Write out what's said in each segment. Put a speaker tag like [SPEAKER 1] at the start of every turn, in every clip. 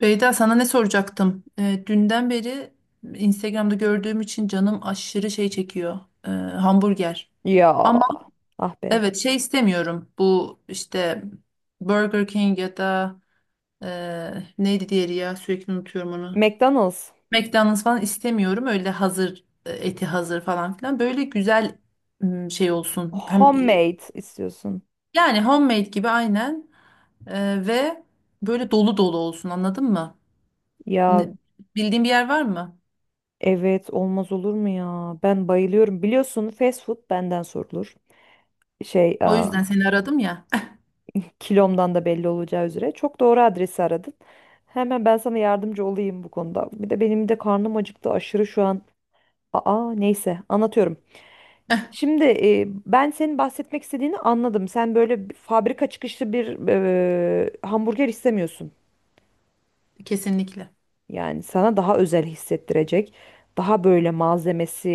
[SPEAKER 1] Beyda, sana ne soracaktım? Dünden beri Instagram'da gördüğüm için canım aşırı şey çekiyor. Hamburger.
[SPEAKER 2] Ya,
[SPEAKER 1] Ama
[SPEAKER 2] ah be.
[SPEAKER 1] evet, şey istemiyorum. Bu, işte Burger King ya da neydi diğeri, ya sürekli unutuyorum onu.
[SPEAKER 2] McDonald's.
[SPEAKER 1] McDonald's falan istemiyorum. Öyle hazır, eti hazır falan filan. Böyle güzel, şey olsun. Hem
[SPEAKER 2] Homemade istiyorsun.
[SPEAKER 1] yani homemade gibi, aynen. Ve böyle dolu dolu olsun, anladın mı?
[SPEAKER 2] Ya,
[SPEAKER 1] Ne- Bildiğin bir yer var mı?
[SPEAKER 2] evet, olmaz olur mu ya? Ben bayılıyorum. Biliyorsun, fast food benden sorulur. Şey,
[SPEAKER 1] O
[SPEAKER 2] aa,
[SPEAKER 1] yüzden seni aradım ya.
[SPEAKER 2] kilomdan da belli olacağı üzere. Çok doğru adresi aradın. Hemen ben sana yardımcı olayım bu konuda. Bir de benim de karnım acıktı aşırı şu an. Aa, neyse, anlatıyorum. Şimdi ben senin bahsetmek istediğini anladım. Sen böyle bir fabrika çıkışlı bir hamburger istemiyorsun.
[SPEAKER 1] Kesinlikle.
[SPEAKER 2] Yani sana daha özel hissettirecek, daha böyle malzemesi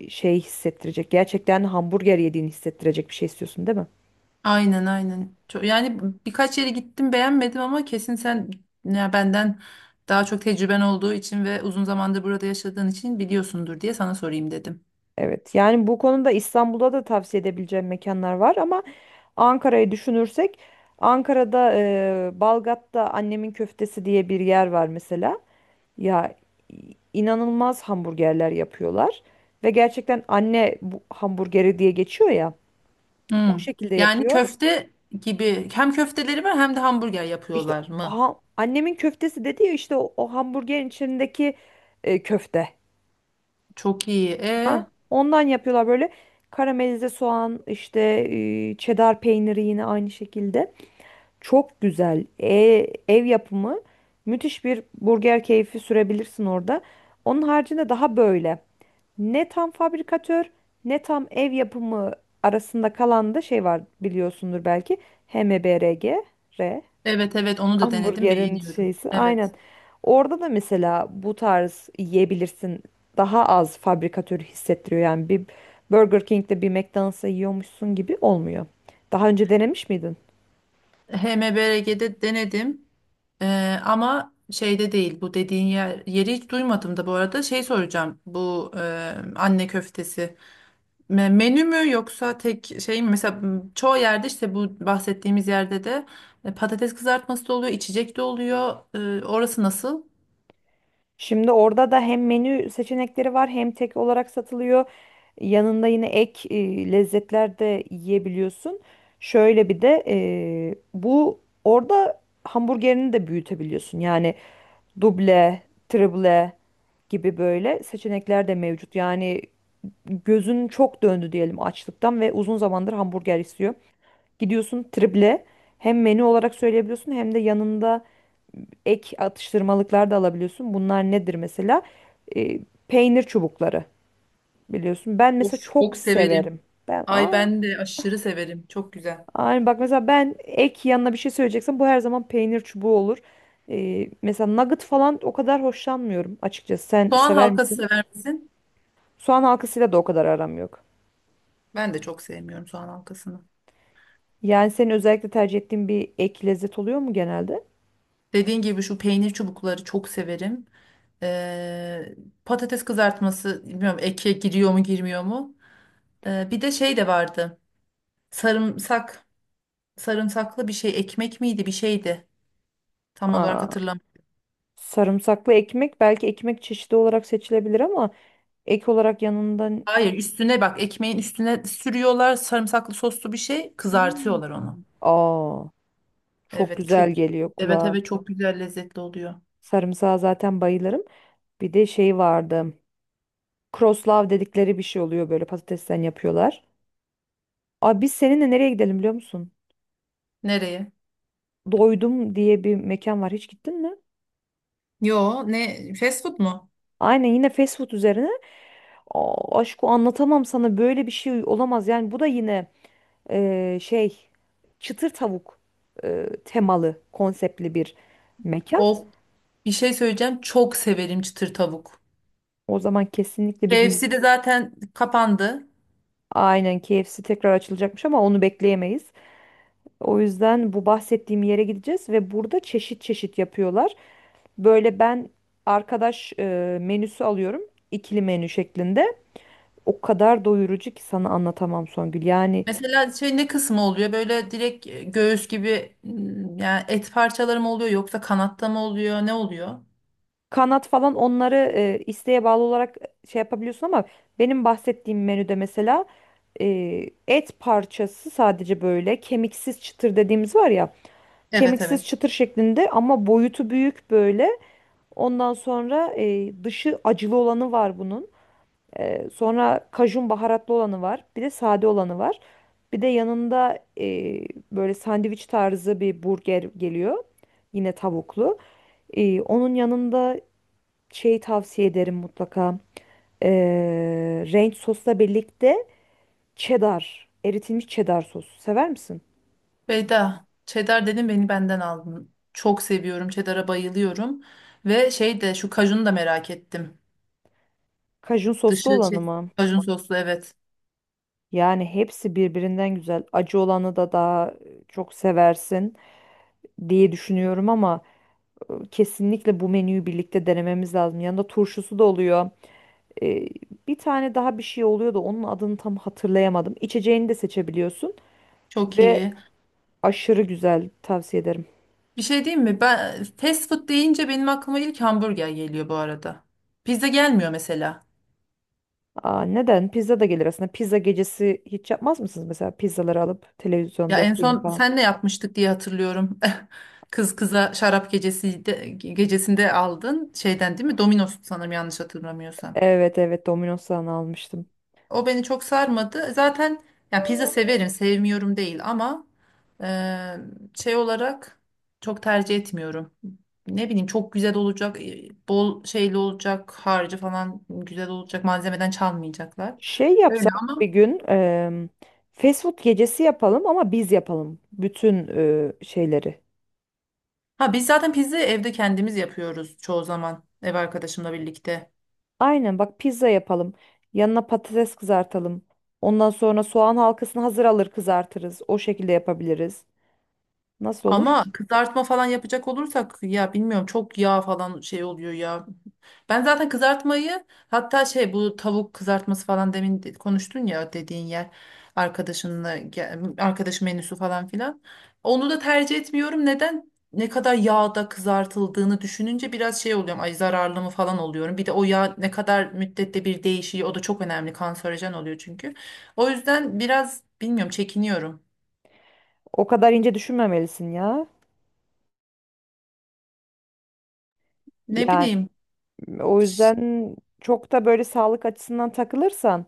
[SPEAKER 2] şey hissettirecek. Gerçekten hamburger yediğini hissettirecek bir şey istiyorsun, değil mi?
[SPEAKER 1] Aynen, aynen. Yani birkaç yere gittim, beğenmedim ama kesin sen, ya, benden daha çok tecrüben olduğu için ve uzun zamandır burada yaşadığın için biliyorsundur diye sana sorayım dedim.
[SPEAKER 2] Evet. Yani bu konuda İstanbul'da da tavsiye edebileceğim mekanlar var ama Ankara'yı düşünürsek Ankara'da Balgat'ta annemin köftesi diye bir yer var mesela. Ya, inanılmaz hamburgerler yapıyorlar ve gerçekten anne bu hamburgeri diye geçiyor ya. O
[SPEAKER 1] Hmm.
[SPEAKER 2] şekilde
[SPEAKER 1] Yani
[SPEAKER 2] yapıyor.
[SPEAKER 1] köfte gibi, hem köfteleri var hem de hamburger
[SPEAKER 2] İşte,
[SPEAKER 1] yapıyorlar mı?
[SPEAKER 2] ha, annemin köftesi dedi ya, işte o hamburgerin içindeki köfte.
[SPEAKER 1] Çok iyi.
[SPEAKER 2] Ha, ondan yapıyorlar böyle karamelize soğan, işte çedar peyniri yine aynı şekilde. Çok güzel. Ev yapımı müthiş bir burger keyfi sürebilirsin orada. Onun haricinde daha böyle ne tam fabrikatör ne tam ev yapımı arasında kalan da şey var, biliyorsundur belki, H M B R HMBRG.
[SPEAKER 1] Evet, evet, onu da denedim,
[SPEAKER 2] Hamburgerin
[SPEAKER 1] beğeniyorum.
[SPEAKER 2] şeysi aynen.
[SPEAKER 1] Evet.
[SPEAKER 2] Orada da mesela bu tarz yiyebilirsin. Daha az fabrikatörü hissettiriyor. Yani bir Burger King'de bir McDonald's'ta yiyormuşsun gibi olmuyor. Daha önce denemiş miydin?
[SPEAKER 1] HMBRG'de denedim. Ama şeyde değil bu dediğin yer, yeri hiç duymadım da bu arada şey soracağım, bu anne köftesi menü mü yoksa tek şey mi mesela? Çoğu yerde, işte bu bahsettiğimiz yerde de patates kızartması da oluyor, içecek de oluyor. Orası nasıl?
[SPEAKER 2] Şimdi orada da hem menü seçenekleri var hem tek olarak satılıyor. Yanında yine ek lezzetler de yiyebiliyorsun. Şöyle bir de bu orada hamburgerini de büyütebiliyorsun. Yani duble, triple gibi böyle seçenekler de mevcut. Yani gözün çok döndü diyelim açlıktan ve uzun zamandır hamburger istiyor. Gidiyorsun triple, hem menü olarak söyleyebiliyorsun hem de yanında ek atıştırmalıklar da alabiliyorsun. Bunlar nedir mesela? E, Peynir çubukları biliyorsun. Ben
[SPEAKER 1] Of,
[SPEAKER 2] mesela çok
[SPEAKER 1] çok severim.
[SPEAKER 2] severim. Ben,
[SPEAKER 1] Ay,
[SPEAKER 2] ay,
[SPEAKER 1] ben de aşırı severim, çok güzel.
[SPEAKER 2] ay, bak mesela ben ek yanına bir şey söyleyeceksem bu her zaman peynir çubuğu olur. Mesela nugget falan o kadar hoşlanmıyorum açıkçası. Sen
[SPEAKER 1] Soğan
[SPEAKER 2] sever
[SPEAKER 1] halkası
[SPEAKER 2] misin?
[SPEAKER 1] sever misin?
[SPEAKER 2] Soğan halkasıyla da o kadar aram yok.
[SPEAKER 1] Ben de çok sevmiyorum soğan halkasını.
[SPEAKER 2] Yani senin özellikle tercih ettiğin bir ek lezzet oluyor mu genelde?
[SPEAKER 1] Dediğin gibi şu peynir çubukları çok severim. Ee, Patates kızartması, bilmiyorum, eke giriyor mu girmiyor mu? Bir de şey de vardı. Sarımsak, sarımsaklı bir şey, ekmek miydi bir şeydi. Tam olarak
[SPEAKER 2] Aa,
[SPEAKER 1] hatırlamıyorum.
[SPEAKER 2] sarımsaklı ekmek belki ekmek çeşidi olarak seçilebilir ama ek olarak yanından.
[SPEAKER 1] Hayır, üstüne, bak, ekmeğin üstüne sürüyorlar, sarımsaklı soslu bir şey,
[SPEAKER 2] Hmm.
[SPEAKER 1] kızartıyorlar onu.
[SPEAKER 2] Aa. Çok
[SPEAKER 1] Evet, çok.
[SPEAKER 2] güzel geliyor
[SPEAKER 1] Evet,
[SPEAKER 2] kulağa.
[SPEAKER 1] evet, çok güzel, lezzetli oluyor.
[SPEAKER 2] Sarımsağa zaten bayılırım. Bir de şey vardı. Croslav dedikleri bir şey oluyor, böyle patatesten yapıyorlar. Abi biz seninle nereye gidelim biliyor musun?
[SPEAKER 1] Nereye?
[SPEAKER 2] Doydum diye bir mekan var. Hiç gittin mi?
[SPEAKER 1] Yo, ne, fast food mu?
[SPEAKER 2] Aynen, yine fast food üzerine. Aa, aşkı anlatamam sana, böyle bir şey olamaz. Yani bu da yine şey, çıtır tavuk, temalı konseptli bir mekan.
[SPEAKER 1] Of, bir şey söyleyeceğim, çok severim çıtır tavuk.
[SPEAKER 2] O zaman kesinlikle bir gün.
[SPEAKER 1] KFC de zaten kapandı.
[SPEAKER 2] Aynen, KFC tekrar açılacakmış ama onu bekleyemeyiz. O yüzden bu bahsettiğim yere gideceğiz ve burada çeşit çeşit yapıyorlar. Böyle ben arkadaş menüsü alıyorum, ikili menü şeklinde. O kadar doyurucu ki sana anlatamam Songül. Yani
[SPEAKER 1] Mesela şey ne kısmı oluyor? Böyle direkt göğüs gibi, yani et parçaları mı oluyor yoksa kanatta mı oluyor? Ne oluyor?
[SPEAKER 2] kanat falan, onları isteğe bağlı olarak şey yapabiliyorsun ama benim bahsettiğim menüde mesela e, et parçası sadece böyle kemiksiz çıtır dediğimiz var ya,
[SPEAKER 1] Evet,
[SPEAKER 2] kemiksiz
[SPEAKER 1] evet.
[SPEAKER 2] çıtır şeklinde ama boyutu büyük böyle. Ondan sonra dışı acılı olanı var bunun. Sonra kajun baharatlı olanı var. Bir de sade olanı var. Bir de yanında böyle sandviç tarzı bir burger geliyor. Yine tavuklu. Onun yanında şey tavsiye ederim mutlaka. Ranch sosla birlikte cheddar, eritilmiş cheddar sosu. Sever misin?
[SPEAKER 1] Beyda, cheddar dedim, beni benden aldın. Çok seviyorum. Cheddar'a bayılıyorum. Ve şey de, şu kajunu da merak ettim.
[SPEAKER 2] Kajun soslu
[SPEAKER 1] Dışı
[SPEAKER 2] olanı
[SPEAKER 1] şey,
[SPEAKER 2] mı?
[SPEAKER 1] kajun soslu, evet.
[SPEAKER 2] Yani hepsi birbirinden güzel. Acı olanı da daha çok seversin diye düşünüyorum ama kesinlikle bu menüyü birlikte denememiz lazım. Yanında turşusu da oluyor. Ee, Bir tane daha bir şey oluyor da onun adını tam hatırlayamadım. İçeceğini de seçebiliyorsun
[SPEAKER 1] Çok
[SPEAKER 2] ve
[SPEAKER 1] iyi.
[SPEAKER 2] aşırı güzel, tavsiye ederim.
[SPEAKER 1] Bir şey diyeyim mi? Ben fast food deyince benim aklıma ilk hamburger geliyor bu arada. Pizza gelmiyor mesela.
[SPEAKER 2] Aa, neden? Pizza da gelir aslında. Pizza gecesi hiç yapmaz mısınız mesela, pizzaları alıp
[SPEAKER 1] Ya
[SPEAKER 2] televizyonda
[SPEAKER 1] en
[SPEAKER 2] film
[SPEAKER 1] son
[SPEAKER 2] falan?
[SPEAKER 1] senle yapmıştık diye hatırlıyorum. Kız kıza şarap gecesinde aldın şeyden, değil mi? Domino's, sanırım yanlış hatırlamıyorsam.
[SPEAKER 2] Evet, evet, Domino's'tan almıştım.
[SPEAKER 1] O beni çok sarmadı. Zaten, ya, pizza severim, sevmiyorum değil ama e, şey olarak çok tercih etmiyorum. Ne bileyim, çok güzel olacak, bol şeyli olacak, harcı falan güzel olacak, malzemeden çalmayacaklar.
[SPEAKER 2] Şey
[SPEAKER 1] Öyle
[SPEAKER 2] yapsak bir
[SPEAKER 1] ama,
[SPEAKER 2] gün fast food gecesi yapalım ama biz yapalım bütün şeyleri.
[SPEAKER 1] ha, biz zaten pizza evde kendimiz yapıyoruz çoğu zaman, ev arkadaşımla birlikte.
[SPEAKER 2] Aynen, bak, pizza yapalım. Yanına patates kızartalım. Ondan sonra soğan halkasını hazır alır kızartırız. O şekilde yapabiliriz. Nasıl olur?
[SPEAKER 1] Ama kızartma falan yapacak olursak, ya, bilmiyorum, çok yağ falan şey oluyor ya. Ben zaten kızartmayı, hatta şey, bu tavuk kızartması falan, demin konuştun ya, dediğin yer, arkadaşınla arkadaş menüsü falan filan. Onu da tercih etmiyorum. Neden? Ne kadar yağda kızartıldığını düşününce biraz şey oluyorum. Ay, zararlı mı falan oluyorum. Bir de o yağ ne kadar müddette bir değişiyor. O da çok önemli. Kanserojen oluyor çünkü. O yüzden biraz, bilmiyorum, çekiniyorum.
[SPEAKER 2] O kadar ince düşünmemelisin ya.
[SPEAKER 1] Ne
[SPEAKER 2] Yani
[SPEAKER 1] bileyim.
[SPEAKER 2] o yüzden çok da böyle sağlık açısından takılırsan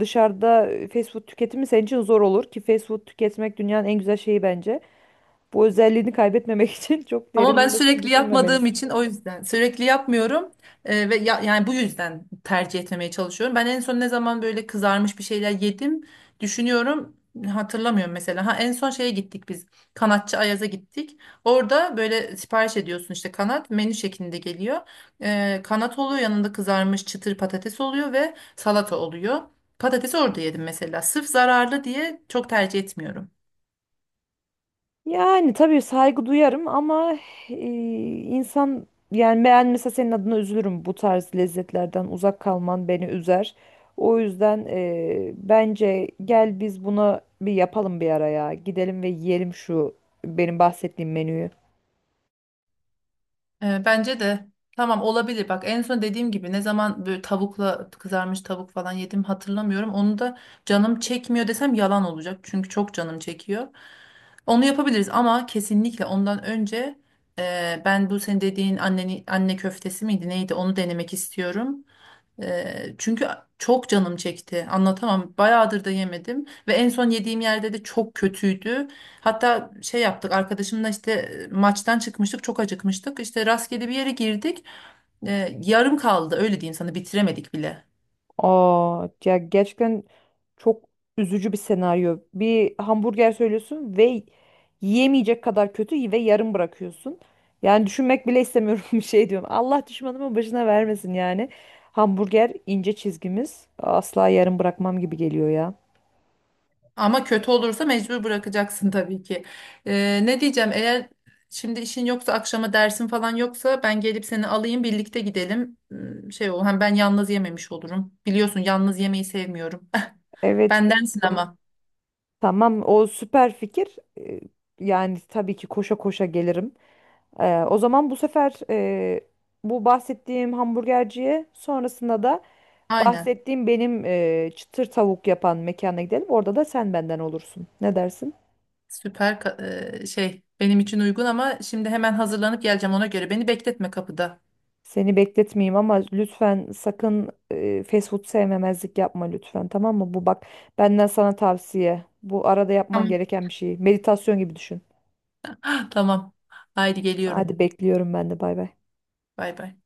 [SPEAKER 2] dışarıda fast food tüketimi senin için zor olur ki fast food tüketmek dünyanın en güzel şeyi bence. Bu özelliğini kaybetmemek için çok
[SPEAKER 1] Ama ben
[SPEAKER 2] derinlemesine
[SPEAKER 1] sürekli yapmadığım
[SPEAKER 2] düşünmemelisin.
[SPEAKER 1] için, o yüzden sürekli yapmıyorum. Ve yani bu yüzden tercih etmemeye çalışıyorum. Ben en son ne zaman böyle kızarmış bir şeyler yedim, düşünüyorum, hatırlamıyorum mesela. Ha, en son şeye gittik biz, kanatçı Ayaz'a gittik. Orada böyle sipariş ediyorsun, işte kanat menü şeklinde geliyor. Kanat oluyor, yanında kızarmış çıtır patates oluyor ve salata oluyor. Patatesi orada yedim mesela. Sırf zararlı diye çok tercih etmiyorum.
[SPEAKER 2] Yani tabii saygı duyarım ama e, insan, yani ben mesela senin adına üzülürüm, bu tarz lezzetlerden uzak kalman beni üzer. O yüzden bence gel biz buna bir yapalım, bir araya. Gidelim ve yiyelim şu benim bahsettiğim menüyü.
[SPEAKER 1] Bence de tamam, olabilir. Bak, en son dediğim gibi, ne zaman böyle tavukla, kızarmış tavuk falan yedim hatırlamıyorum. Onu da canım çekmiyor desem yalan olacak. Çünkü çok canım çekiyor. Onu yapabiliriz ama kesinlikle ondan önce ben bu senin dediğin anne köftesi miydi neydi, onu denemek istiyorum. Çünkü çok canım çekti. Anlatamam. Bayağıdır da yemedim ve en son yediğim yerde de çok kötüydü. Hatta şey yaptık arkadaşımla, işte maçtan çıkmıştık, çok acıkmıştık. İşte rastgele bir yere girdik. Yarım kaldı, öyle diyeyim sana, bitiremedik bile.
[SPEAKER 2] Aa, ya gerçekten çok üzücü bir senaryo. Bir hamburger söylüyorsun ve yiyemeyecek kadar kötü ve yarım bırakıyorsun. Yani düşünmek bile istemiyorum, bir şey diyorum. Allah düşmanımın başına vermesin yani. Hamburger ince çizgimiz. Asla yarım bırakmam gibi geliyor ya.
[SPEAKER 1] Ama kötü olursa mecbur bırakacaksın tabii ki. Ne diyeceğim, eğer şimdi işin yoksa, akşama dersin falan yoksa, ben gelip seni alayım, birlikte gidelim. Hmm, şey, o hem ben yalnız yememiş olurum. Biliyorsun, yalnız yemeyi sevmiyorum.
[SPEAKER 2] Evet,
[SPEAKER 1] Bendensin
[SPEAKER 2] biliyorum.
[SPEAKER 1] ama.
[SPEAKER 2] Tamam, o süper fikir. Yani tabii ki koşa koşa gelirim. O zaman bu sefer bu bahsettiğim hamburgerciye, sonrasında da
[SPEAKER 1] Aynen.
[SPEAKER 2] bahsettiğim benim çıtır tavuk yapan mekana gidelim. Orada da sen benden olursun. Ne dersin?
[SPEAKER 1] Süper. Şey benim için uygun ama şimdi hemen hazırlanıp geleceğim, ona göre. Beni bekletme kapıda.
[SPEAKER 2] Seni bekletmeyeyim ama lütfen sakın fast food sevmemezlik yapma lütfen, tamam mı? Bu bak, benden sana tavsiye. Bu arada yapman
[SPEAKER 1] Tamam.
[SPEAKER 2] gereken bir şey. Meditasyon gibi düşün.
[SPEAKER 1] Tamam. Haydi
[SPEAKER 2] Hadi,
[SPEAKER 1] geliyorum.
[SPEAKER 2] bekliyorum ben de, bay bay.
[SPEAKER 1] Bay bay.